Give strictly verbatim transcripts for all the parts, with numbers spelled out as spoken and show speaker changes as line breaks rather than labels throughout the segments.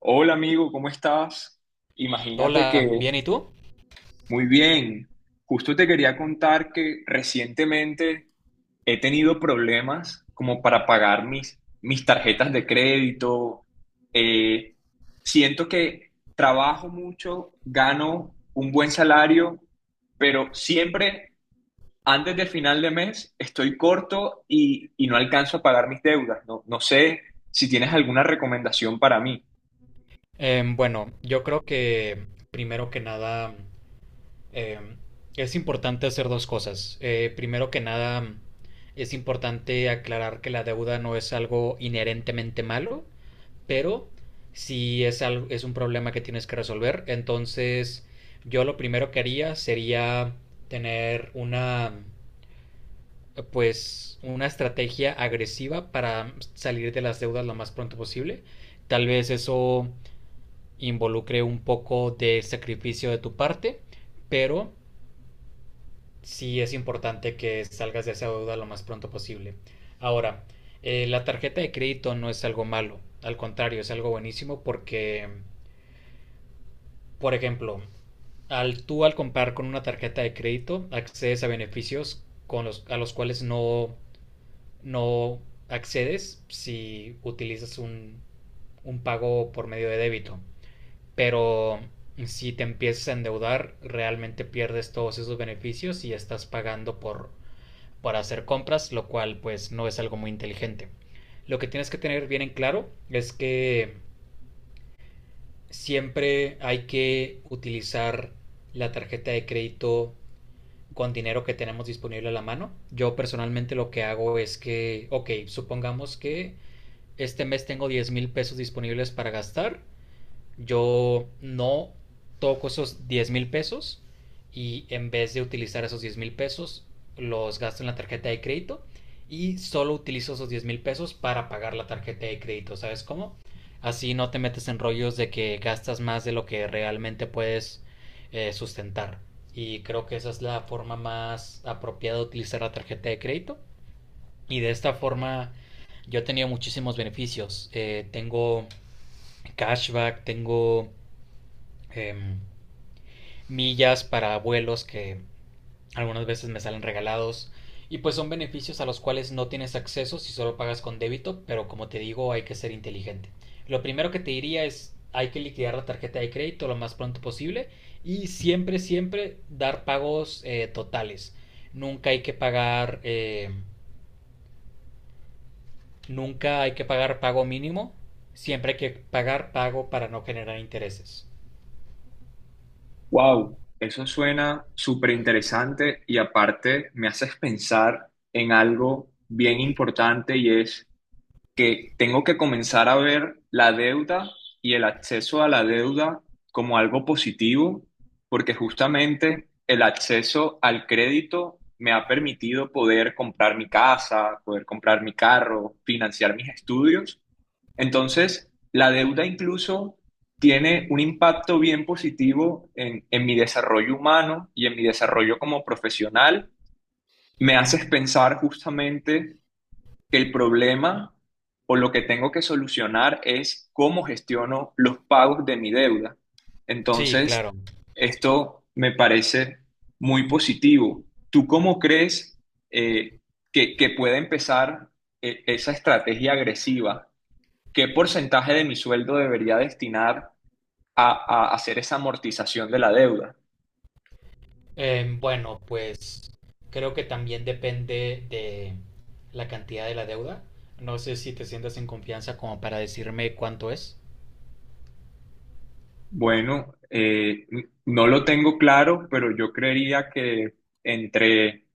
Hola amigo, ¿cómo estás? Imagínate
Hola,
que,
bien, ¿y tú?
muy bien. Justo te quería contar que recientemente he tenido problemas como para pagar mis, mis tarjetas de crédito. Eh, Siento que trabajo mucho, gano un buen salario, pero siempre antes del final de mes estoy corto y, y no alcanzo a pagar mis deudas. No, no sé si tienes alguna recomendación para mí.
Em, bueno, yo creo que primero que nada em, es importante hacer dos cosas. Eh, primero que nada es importante aclarar que la deuda no es algo inherentemente malo, pero si es algo, es un problema que tienes que resolver, entonces yo lo primero que haría sería tener una pues una estrategia agresiva para salir de las deudas lo más pronto posible. Tal vez eso involucre un poco de sacrificio de tu parte, pero sí es importante que salgas de esa deuda lo más pronto posible. Ahora, eh, la tarjeta de crédito no es algo malo, al contrario, es algo buenísimo porque, por ejemplo, al tú al comprar con una tarjeta de crédito accedes a beneficios con los, a los cuales no, no accedes si utilizas un, un pago por medio de débito. Pero si te empiezas a endeudar, realmente pierdes todos esos beneficios y estás pagando por, por hacer compras, lo cual pues no es algo muy inteligente. Lo que tienes que tener bien en claro es que siempre hay que utilizar la tarjeta de crédito con dinero que tenemos disponible a la mano. Yo personalmente lo que hago es que, ok, supongamos que este mes tengo diez mil pesos disponibles para gastar, yo no toco esos diez mil pesos y en vez de utilizar esos diez mil pesos, los gasto en la tarjeta de crédito y solo utilizo esos diez mil pesos para pagar la tarjeta de crédito, ¿sabes cómo? Así no te metes en rollos de que gastas más de lo que realmente puedes eh, sustentar. Y creo que esa es la forma más apropiada de utilizar la tarjeta de crédito. Y de esta forma yo he tenido muchísimos beneficios. Eh, tengo cashback, tengo em, millas para vuelos que algunas veces me salen regalados. Y pues son beneficios a los cuales no tienes acceso si solo pagas con débito, pero como te digo, hay que ser inteligente. Lo primero que te diría es hay que liquidar la tarjeta de crédito lo más pronto posible y siempre, siempre dar pagos eh, totales. Nunca hay que pagar, eh, nunca hay que pagar pago mínimo. Siempre hay que pagar pago para no generar intereses.
Wow, eso suena súper interesante y aparte me haces pensar en algo bien importante y es que tengo que comenzar a ver la deuda y el acceso a la deuda como algo positivo, porque justamente el acceso al crédito me ha permitido poder comprar mi casa, poder comprar mi carro, financiar mis estudios. Entonces, la deuda incluso tiene un impacto bien positivo en, en mi desarrollo humano y en mi desarrollo como profesional. Me haces pensar justamente que el problema o lo que tengo que solucionar es cómo gestiono los pagos de mi deuda.
Sí,
Entonces,
claro.
esto me parece muy positivo. ¿Tú cómo crees eh, que, que puede empezar eh, esa estrategia agresiva? ¿Qué porcentaje de mi sueldo debería destinar a, a hacer esa amortización de la deuda?
Eh, bueno, pues creo que también depende de la cantidad de la deuda. No sé si te sientas en confianza como para decirme cuánto es.
Bueno, eh, n- no lo tengo claro, pero yo creería que entre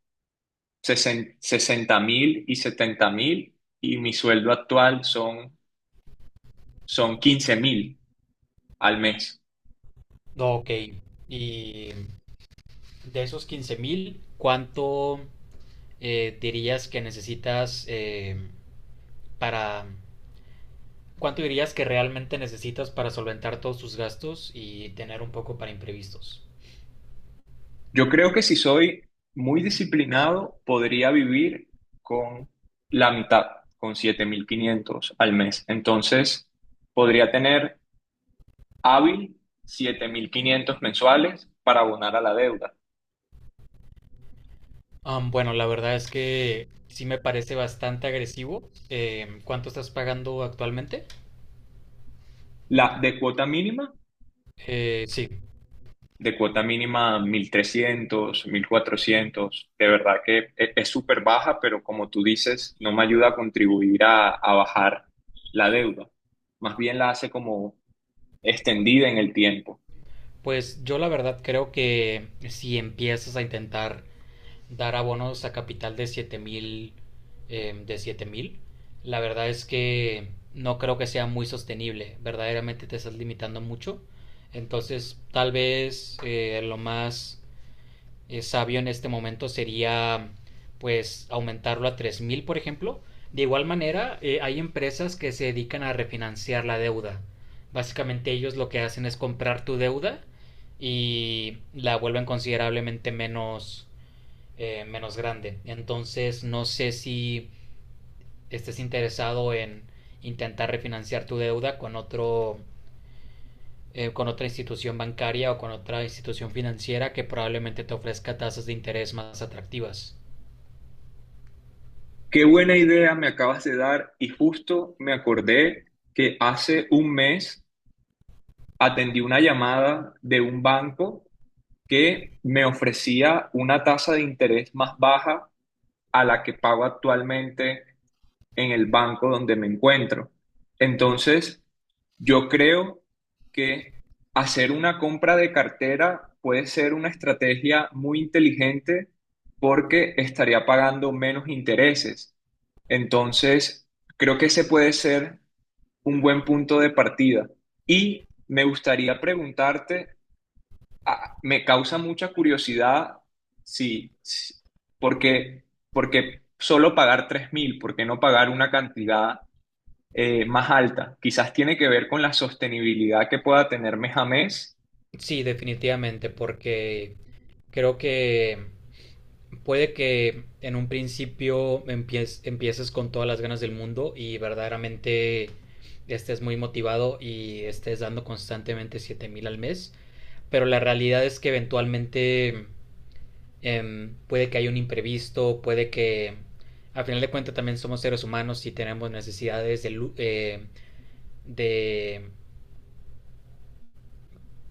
60 mil y 70 mil y mi sueldo actual son, son 15 mil al mes.
No, ok. Y de esos quince mil, ¿cuánto eh, dirías que necesitas eh, para... ¿Cuánto dirías que realmente necesitas para solventar todos tus gastos y tener un poco para imprevistos?
Yo creo que si soy muy disciplinado, podría vivir con la mitad, con siete mil quinientos al mes. Entonces, podría tener hábil siete mil quinientos mensuales para abonar a la deuda.
Am, bueno, la verdad es que sí me parece bastante agresivo. Em, ¿cuánto estás pagando actualmente?
La de cuota mínima,
Eh, sí,
de cuota mínima mil trescientos, mil cuatrocientos. De verdad que e- es súper baja, pero como tú dices, no me ayuda a contribuir a, a bajar la deuda. Más bien la hace como extendida en el tiempo.
pues yo la verdad creo que si empiezas a intentar dar abonos a capital de siete mil, eh, de siete mil, la verdad es que no creo que sea muy sostenible. Verdaderamente te estás limitando mucho. Entonces, tal vez eh, lo más eh, sabio en este momento sería pues aumentarlo a tres mil, por ejemplo. De igual manera, eh, hay empresas que se dedican a refinanciar la deuda. Básicamente ellos lo que hacen es comprar tu deuda y la vuelven considerablemente menos, eh, menos grande. Entonces, no sé si estés interesado en intentar refinanciar tu deuda con otro eh, con otra institución bancaria o con otra institución financiera que probablemente te ofrezca tasas de interés más atractivas.
Qué buena idea me acabas de dar y justo me acordé que hace un mes atendí una llamada de un banco que me ofrecía una tasa de interés más baja a la que pago actualmente en el banco donde me encuentro. Entonces, yo creo que hacer una compra de cartera puede ser una estrategia muy inteligente porque estaría pagando menos intereses. Entonces, creo que ese puede ser un buen punto de partida. Y me gustaría preguntarte a- me causa mucha curiosidad si, si- porque, porque solo pagar tres mil, ¿por qué no pagar una cantidad eh, más alta? Quizás tiene que ver con la sostenibilidad que pueda tener mes a mes.
Sí, definitivamente, porque creo que puede que en un principio empie- empieces con todas las ganas del mundo y verdaderamente estés muy motivado y estés dando constantemente siete mil al mes, pero la realidad es que eventualmente Em, puede que haya un imprevisto, puede que a final de cuentas también somos seres humanos y tenemos necesidades de, lu- eh, de-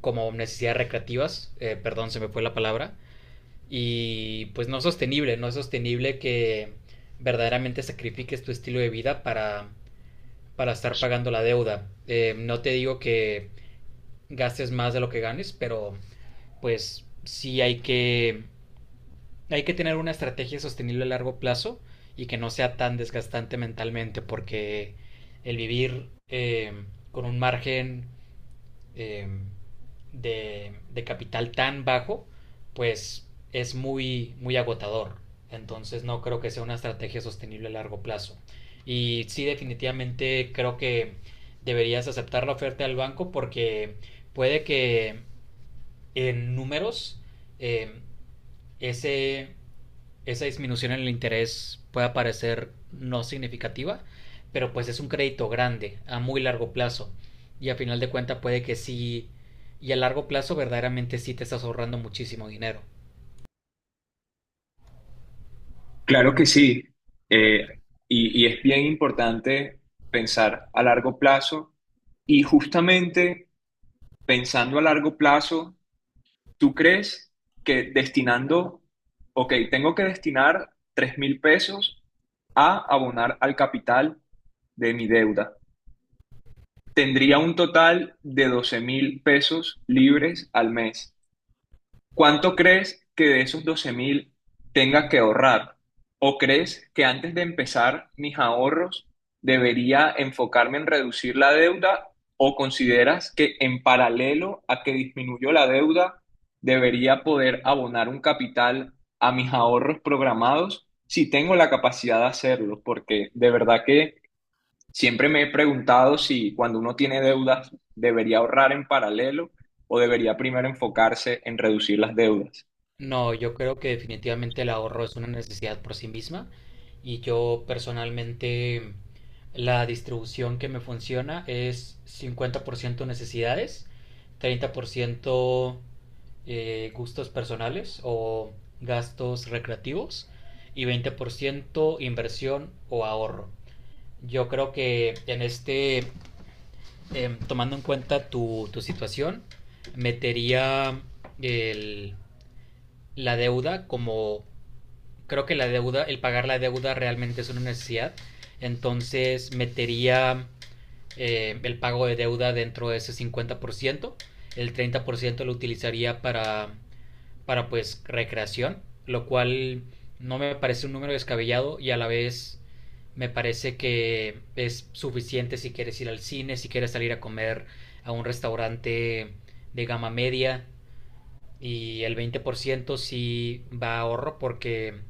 como necesidades recreativas, eh, perdón, se me fue la palabra, y pues no es sostenible, no es sostenible que verdaderamente sacrifiques tu estilo de vida para, para estar pagando la deuda. Eh, no te digo que gastes más de lo que ganes, pero pues sí hay que Hay que tener una estrategia sostenible a largo plazo y que no sea tan desgastante mentalmente porque el vivir eh, con un margen eh, de, de capital tan bajo, pues es muy, muy agotador. Entonces no creo que sea una estrategia sostenible a largo plazo. Y sí, definitivamente creo que deberías aceptar la oferta del banco porque puede que en números eh, ese, esa disminución en el interés pueda parecer no significativa, pero pues es un crédito grande a muy largo plazo y a final de cuentas puede que sí y a largo plazo verdaderamente sí te estás ahorrando muchísimo dinero.
Claro que sí. Eh, y, y es bien importante pensar a largo plazo. Y justamente pensando a largo plazo, ¿tú crees que destinando, ok, tengo que destinar tres mil pesos a abonar al capital de mi deuda? Tendría un total de doce mil pesos libres al mes. ¿Cuánto crees que de esos doce mil tenga que ahorrar? ¿O crees que antes de empezar mis ahorros debería enfocarme en reducir la deuda? ¿O consideras que en paralelo a que disminuyó la deuda, debería poder abonar un capital a mis ahorros programados si tengo la capacidad de hacerlo? Porque de verdad que siempre me he preguntado si cuando uno tiene deudas debería ahorrar en paralelo o debería primero enfocarse en reducir las deudas.
No, yo creo que definitivamente el ahorro es una necesidad por sí misma y yo personalmente la distribución que me funciona es cincuenta por ciento necesidades, treinta por ciento eh, gustos personales o gastos recreativos y veinte por ciento inversión o ahorro. Yo creo que en este, em, tomando en cuenta tu, tu situación, metería el, la deuda como creo que la deuda, el pagar la deuda realmente es una necesidad, entonces metería eh, el pago de deuda dentro de ese cincuenta por ciento, el treinta por ciento lo utilizaría para, para pues recreación, lo cual no me parece un número descabellado y a la vez me parece que es suficiente si quieres ir al cine, si quieres salir a comer a un restaurante de gama media, y el veinte por ciento sí va a ahorro porque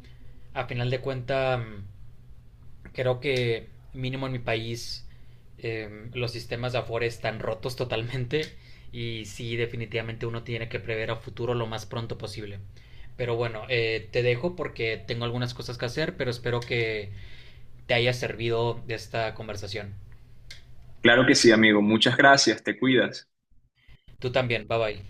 a final de cuenta creo que mínimo en mi país eh, los sistemas de Afore están rotos totalmente y sí definitivamente uno tiene que prever a futuro lo más pronto posible. Pero bueno, eh, te dejo porque tengo algunas cosas que hacer, pero espero que te haya servido esta conversación.
Claro que sí, amigo. Muchas gracias. Te cuidas.
Tú también, bye bye.